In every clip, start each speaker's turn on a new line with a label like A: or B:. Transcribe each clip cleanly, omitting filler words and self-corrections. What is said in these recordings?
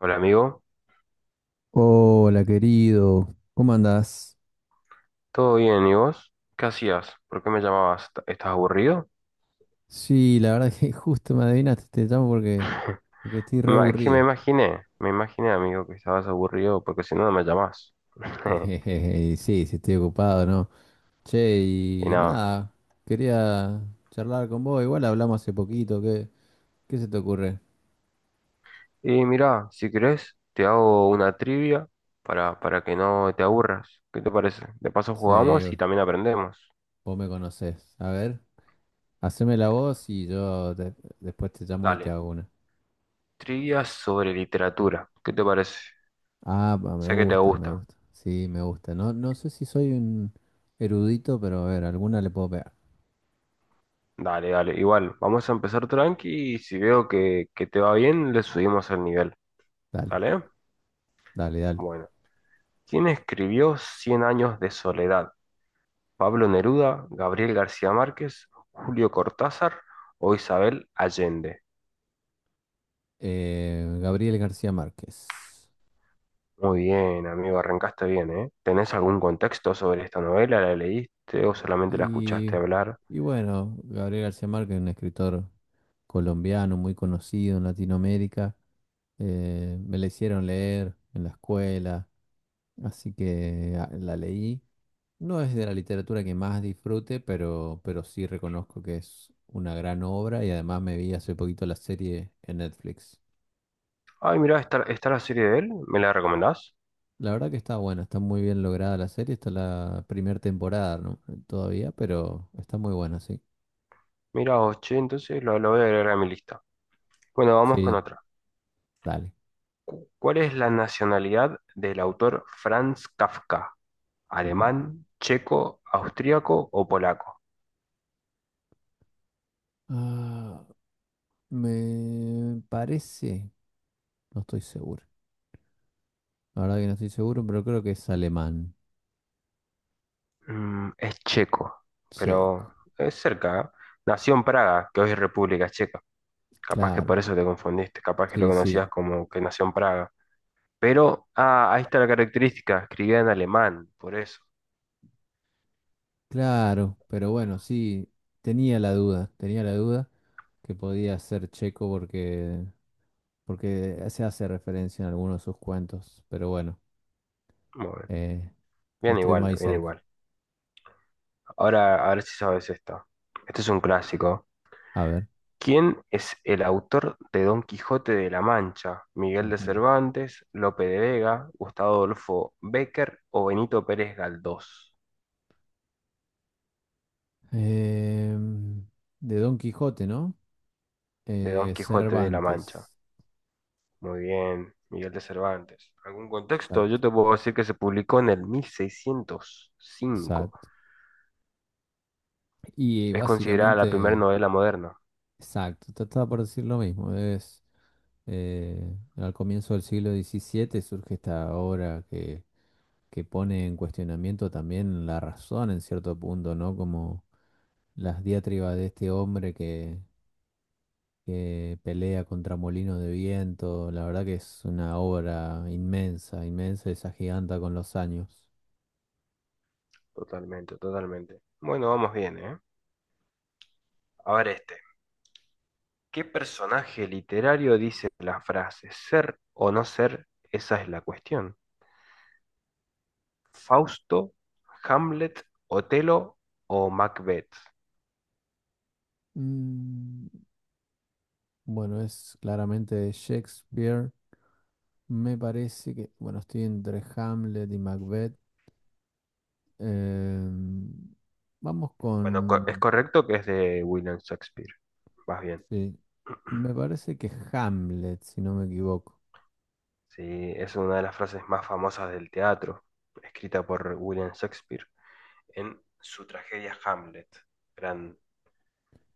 A: Hola amigo,
B: Hola, querido. ¿Cómo andás?
A: ¿todo bien? ¿Y vos? ¿Qué hacías? ¿Por qué me llamabas? ¿Estás aburrido?
B: Sí, la verdad que justo me adivinaste, te llamo porque, porque estoy re
A: Es que me
B: aburrido.
A: imaginé, me imaginé amigo que estabas aburrido porque si no no me llamás.
B: Jejeje, sí, sí, estoy ocupado, ¿no? Che,
A: Y
B: y
A: nada.
B: nada, quería charlar con vos. Igual hablamos hace poquito, ¿qué se te ocurre?
A: Y mira, si querés, te hago una trivia para que no te aburras. ¿Qué te parece? De paso
B: Sí,
A: jugamos y también aprendemos.
B: vos me conocés. A ver, haceme la voz y después te llamo y te
A: Dale,
B: hago una.
A: trivia sobre literatura. ¿Qué te parece?
B: Ah, pa, me
A: Sé que te
B: gusta, me
A: gusta.
B: gusta. Sí, me gusta. No, no sé si soy un erudito, pero a ver, alguna le puedo pegar.
A: Dale, dale. Igual, vamos a empezar tranqui y si veo que te va bien, le subimos el nivel.
B: Dale,
A: ¿Dale?
B: dale, dale.
A: Bueno, ¿quién escribió Cien años de soledad? ¿Pablo Neruda, Gabriel García Márquez, Julio Cortázar o Isabel Allende?
B: Gabriel García Márquez.
A: Muy bien, amigo, arrancaste bien, ¿eh? ¿Tenés algún contexto sobre esta novela? ¿La leíste o solamente la escuchaste
B: Y,
A: hablar?
B: y bueno, Gabriel García Márquez, un escritor colombiano muy conocido en Latinoamérica, me la hicieron leer en la escuela, así que la leí. No es de la literatura que más disfrute, pero sí reconozco que es una gran obra y además me vi hace poquito la serie en Netflix.
A: Ay, mirá, está, está la serie de él, ¿me la recomendás?
B: La verdad que está buena, está muy bien lograda la serie, está la primera temporada, ¿no? Todavía, pero está muy buena, sí.
A: Mirá, vos, che, entonces lo voy a agregar a mi lista. Bueno, vamos con
B: Sí,
A: otra.
B: dale.
A: ¿Cuál es la nacionalidad del autor Franz Kafka?
B: Ujú.
A: ¿Alemán, checo, austríaco o polaco?
B: Ah, me parece, no estoy seguro. La verdad que no estoy seguro, pero creo que es alemán.
A: Mm, es checo,
B: Checo.
A: pero es cerca, ¿eh? Nació en Praga, que hoy es República Checa. Capaz que
B: Claro.
A: por eso te confundiste, capaz que lo
B: Sí,
A: conocías
B: sí.
A: como que nació en Praga. Pero, ah, ahí está la característica, escribía en alemán, por eso.
B: Claro, pero bueno, sí, tenía la duda que podía ser checo porque se hace referencia en algunos de sus cuentos, pero bueno,
A: Muy bien,
B: eh,
A: bien
B: estuvimos
A: igual,
B: ahí
A: bien
B: cerca.
A: igual. Ahora, a ver si sabes esto. Este es un clásico.
B: A ver.
A: ¿Quién es el autor de Don Quijote de la Mancha? ¿Miguel de
B: Ujú.
A: Cervantes, Lope de Vega, Gustavo Adolfo Bécquer o Benito Pérez Galdós?
B: Em, de Don Quijote, ¿no?
A: De Don Quijote de la Mancha.
B: Cervantes.
A: Muy bien, Miguel de Cervantes. ¿Algún contexto?
B: Exacto,
A: Yo te puedo decir que se publicó en el 1605.
B: exacto. Y
A: Es considerada la primera
B: básicamente,
A: novela moderna.
B: exacto, trataba por decir lo mismo. Es eh, Al comienzo del siglo XVII surge esta obra que pone en cuestionamiento también la razón en cierto punto, ¿no? Como las diatribas de este hombre que pelea contra molinos de viento. La verdad que es una obra inmensa, inmensa y se agiganta con los años.
A: Totalmente, totalmente. Bueno, vamos bien, ¿eh? A ver este. ¿Qué personaje literario dice la frase ser o no ser? Esa es la cuestión. ¿Fausto, Hamlet, Otelo o Macbeth?
B: Mm, Bueno, es claramente de Shakespeare. Me parece que, bueno, estoy entre Hamlet y Macbeth. Em, vamos
A: Bueno, es
B: con,
A: correcto que es de William Shakespeare. Vas bien.
B: sí, me parece que Hamlet, si no me equivoco.
A: Sí, es una de las frases más famosas del teatro, escrita por William Shakespeare en su tragedia Hamlet. Gran,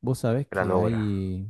B: Vos sabés
A: gran
B: que
A: obra.
B: hay,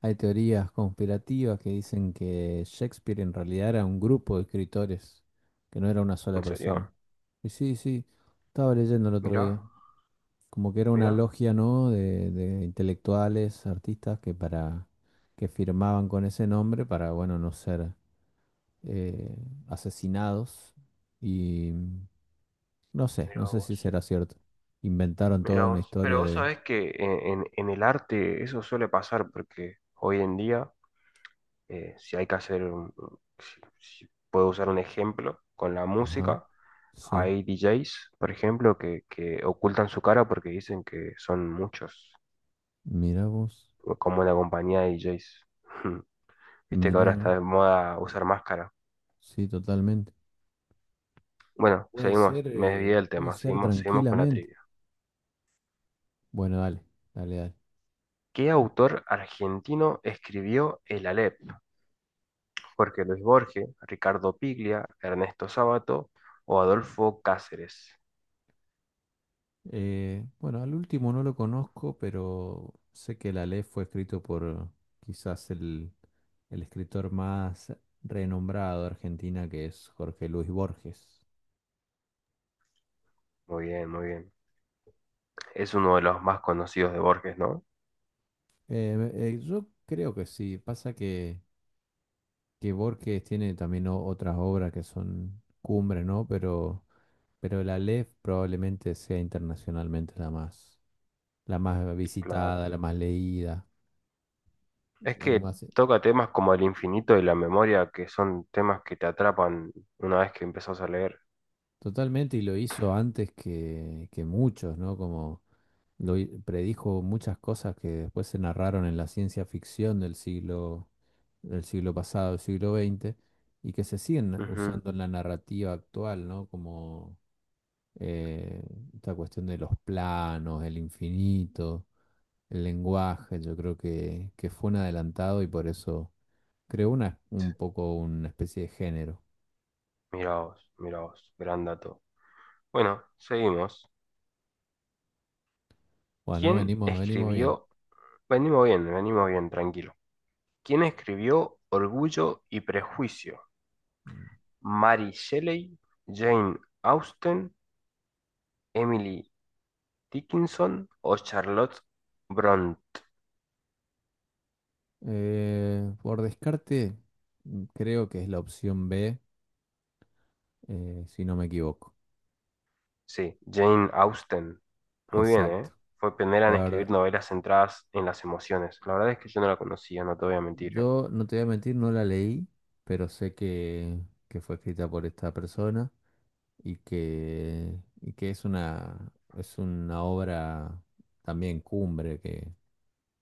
B: hay teorías conspirativas que dicen que Shakespeare en realidad era un grupo de escritores, que no era una sola
A: ¿En
B: persona.
A: serio?
B: Y sí, sí, estaba leyendo el otro
A: Mira,
B: día. Como que era una
A: mira,
B: logia, ¿no? De intelectuales, artistas que firmaban con ese nombre para, bueno, no ser eh, asesinados. Y no sé,
A: mira
B: no sé
A: vos,
B: si será cierto. Inventaron toda
A: mira
B: una
A: vos. Pero
B: historia
A: vos
B: de.
A: sabés que en el arte eso suele pasar porque hoy en día, si hay que hacer, si puedo usar un ejemplo con la
B: Ajá,
A: música,
B: sí.
A: hay DJs, por ejemplo, que ocultan su cara porque dicen que son muchos
B: Mira vos,
A: como la compañía de DJs. Viste que
B: mira,
A: ahora está
B: mira.
A: de moda usar máscara.
B: Sí, totalmente.
A: Bueno, seguimos, me desvié del
B: Puede
A: tema,
B: ser
A: seguimos, seguimos con la
B: tranquilamente.
A: trivia.
B: Bueno, dale, dale, dale.
A: ¿Qué autor argentino escribió El Aleph? ¿Jorge Luis Borges, Ricardo Piglia, Ernesto Sábato o Adolfo Cáceres?
B: Bueno, al último no lo conozco, pero sé que la ley fue escrito por quizás el escritor más renombrado de Argentina, que es Jorge Luis Borges.
A: Muy bien, muy bien. Es uno de los más conocidos de Borges, ¿no?
B: Yo creo que sí. Pasa que Borges tiene también otras obras que son cumbres, ¿no? Pero la Aleph probablemente sea internacionalmente la más
A: Claro.
B: visitada, la más leída,
A: Es
B: la que
A: que
B: más.
A: toca temas como el infinito y la memoria, que son temas que te atrapan una vez que empezás a leer.
B: Totalmente, y lo hizo antes que muchos, ¿no? Como predijo muchas cosas que después se narraron en la ciencia ficción del siglo pasado, del siglo XX y que se siguen
A: Ujú.
B: usando en la narrativa actual, ¿no? Como eh, esta cuestión de los planos, el infinito, el lenguaje, yo creo que fue un adelantado y por eso creó un poco una especie de género.
A: Mirá vos, gran dato. Bueno, seguimos.
B: Bueno,
A: ¿Quién
B: venimos, venimos bien.
A: escribió? Venimos bien, tranquilo. ¿Quién escribió Orgullo y Prejuicio? ¿Mary Shelley, Jane Austen, Emily Dickinson o Charlotte Brontë?
B: Por descarte, creo que es la opción B, si no me equivoco.
A: Sí, Jane Austen. Muy bien,
B: Exacto.
A: ¿eh? Fue pionera en
B: La verdad,
A: escribir novelas centradas en las emociones. La verdad es que yo no la conocía, no te voy a mentir, ¿eh?
B: yo no te voy a mentir, no la leí, pero sé que fue escrita por esta persona. Y que es una obra también cumbre que,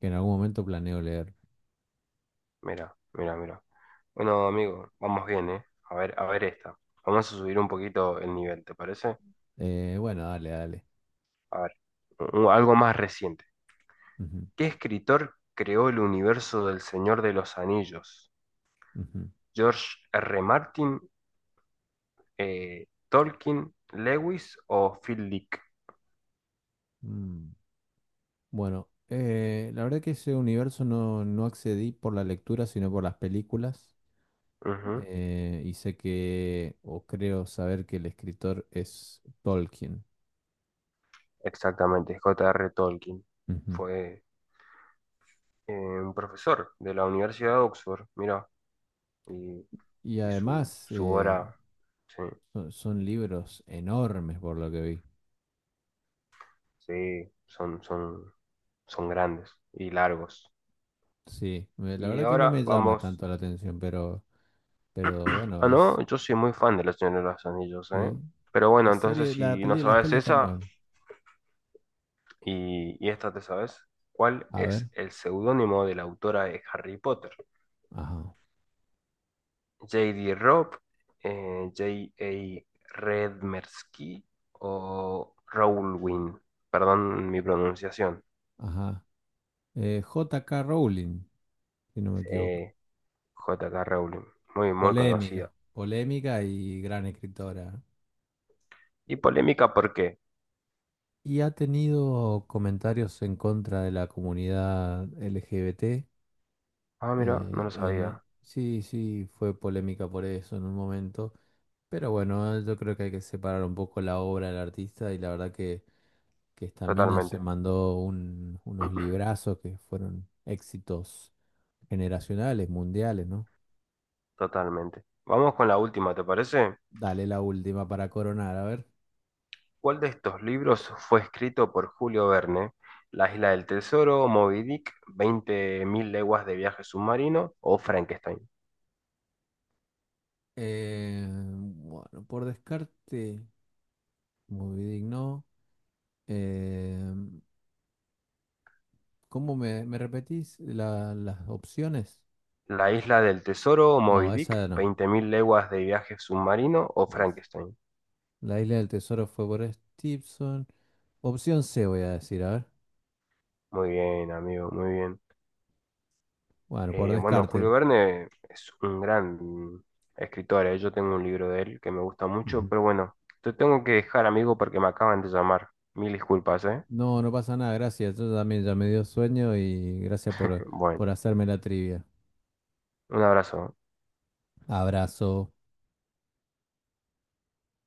B: que en algún momento planeo leer.
A: Mira, mira, mira. Bueno, amigo, vamos bien, ¿eh? A ver esta. Vamos a subir un poquito el nivel, ¿te parece?
B: Bueno, dale, dale.
A: A ver, algo más reciente.
B: Ujú,
A: ¿Qué escritor creó el universo del Señor de los Anillos?
B: ujú.
A: ¿George R. Martin, Tolkien, Lewis o Phil Dick?
B: Mm. Bueno, la verdad que ese universo no accedí por la lectura, sino por las películas.
A: Ujú.
B: Y sé que, o creo saber que el escritor es Tolkien.
A: Exactamente, J R. Tolkien.
B: Ujú.
A: Fue eh, un profesor de la Universidad de Oxford, mira, y,
B: Y
A: y su,
B: además,
A: su obra, sí.
B: son libros enormes por lo que vi.
A: Sí, son, son, son grandes y largos.
B: Sí, la
A: Y
B: verdad que no
A: ahora
B: me llama
A: vamos.
B: tanto la atención, pero bueno,
A: Ah, no,
B: es
A: yo soy muy fan de los Señor de los Anillos, ¿eh?
B: sí.
A: Pero
B: La
A: bueno, entonces
B: serie, la
A: si no
B: peli, las
A: sabes
B: pelis están
A: esa
B: buenas.
A: y esta te sabes, ¿cuál
B: A
A: es
B: ver,
A: el seudónimo de la autora de Harry Potter?
B: ajá,
A: ¿J D Robb, J A Redmersky o Rowling? Perdón mi pronunciación.
B: ajá. J.K. Rowling, si no me equivoco.
A: Eh, J K Rowling, muy, muy
B: Polémica,
A: conocida.
B: polémica y gran escritora.
A: Y polémica, ¿por qué?
B: Y ha tenido comentarios en contra de la comunidad LGBT.
A: Ah, mira, no lo sabía.
B: Sí, sí, fue polémica por eso en un momento, pero bueno, yo creo que hay que separar un poco la obra del artista y la verdad que esta mina se
A: Totalmente,
B: mandó unos librazos que fueron éxitos generacionales, mundiales, ¿no?
A: totalmente. Vamos con la última, ¿te parece?
B: Dale la última para coronar, a ver.
A: ¿Cuál de estos libros fue escrito por Julio Verne? La isla del tesoro, Moby Dick, 20 Mil leguas de viaje submarino o Frankenstein.
B: Bueno, por descarte, muy digno. Eh, ¿Cómo me repetís las opciones?
A: La isla del tesoro, Moby
B: No,
A: Dick,
B: esa no.
A: Veinte Mil leguas de viaje submarino o
B: Es.
A: Frankenstein.
B: La isla del tesoro fue por Stevenson. Opción C voy a decir, a ver.
A: Muy bien, amigo, muy bien.
B: Bueno, por
A: Bueno,
B: descarte.
A: Julio Verne es un gran escritor, yo tengo un libro de él que me gusta mucho,
B: Ujú.
A: pero bueno, te tengo que dejar, amigo, porque me acaban de llamar. Mil disculpas, ¿eh?
B: No, no pasa nada, gracias. Yo también ya me dio sueño y gracias por,
A: Bueno,
B: por hacerme la trivia.
A: un abrazo.
B: Abrazo.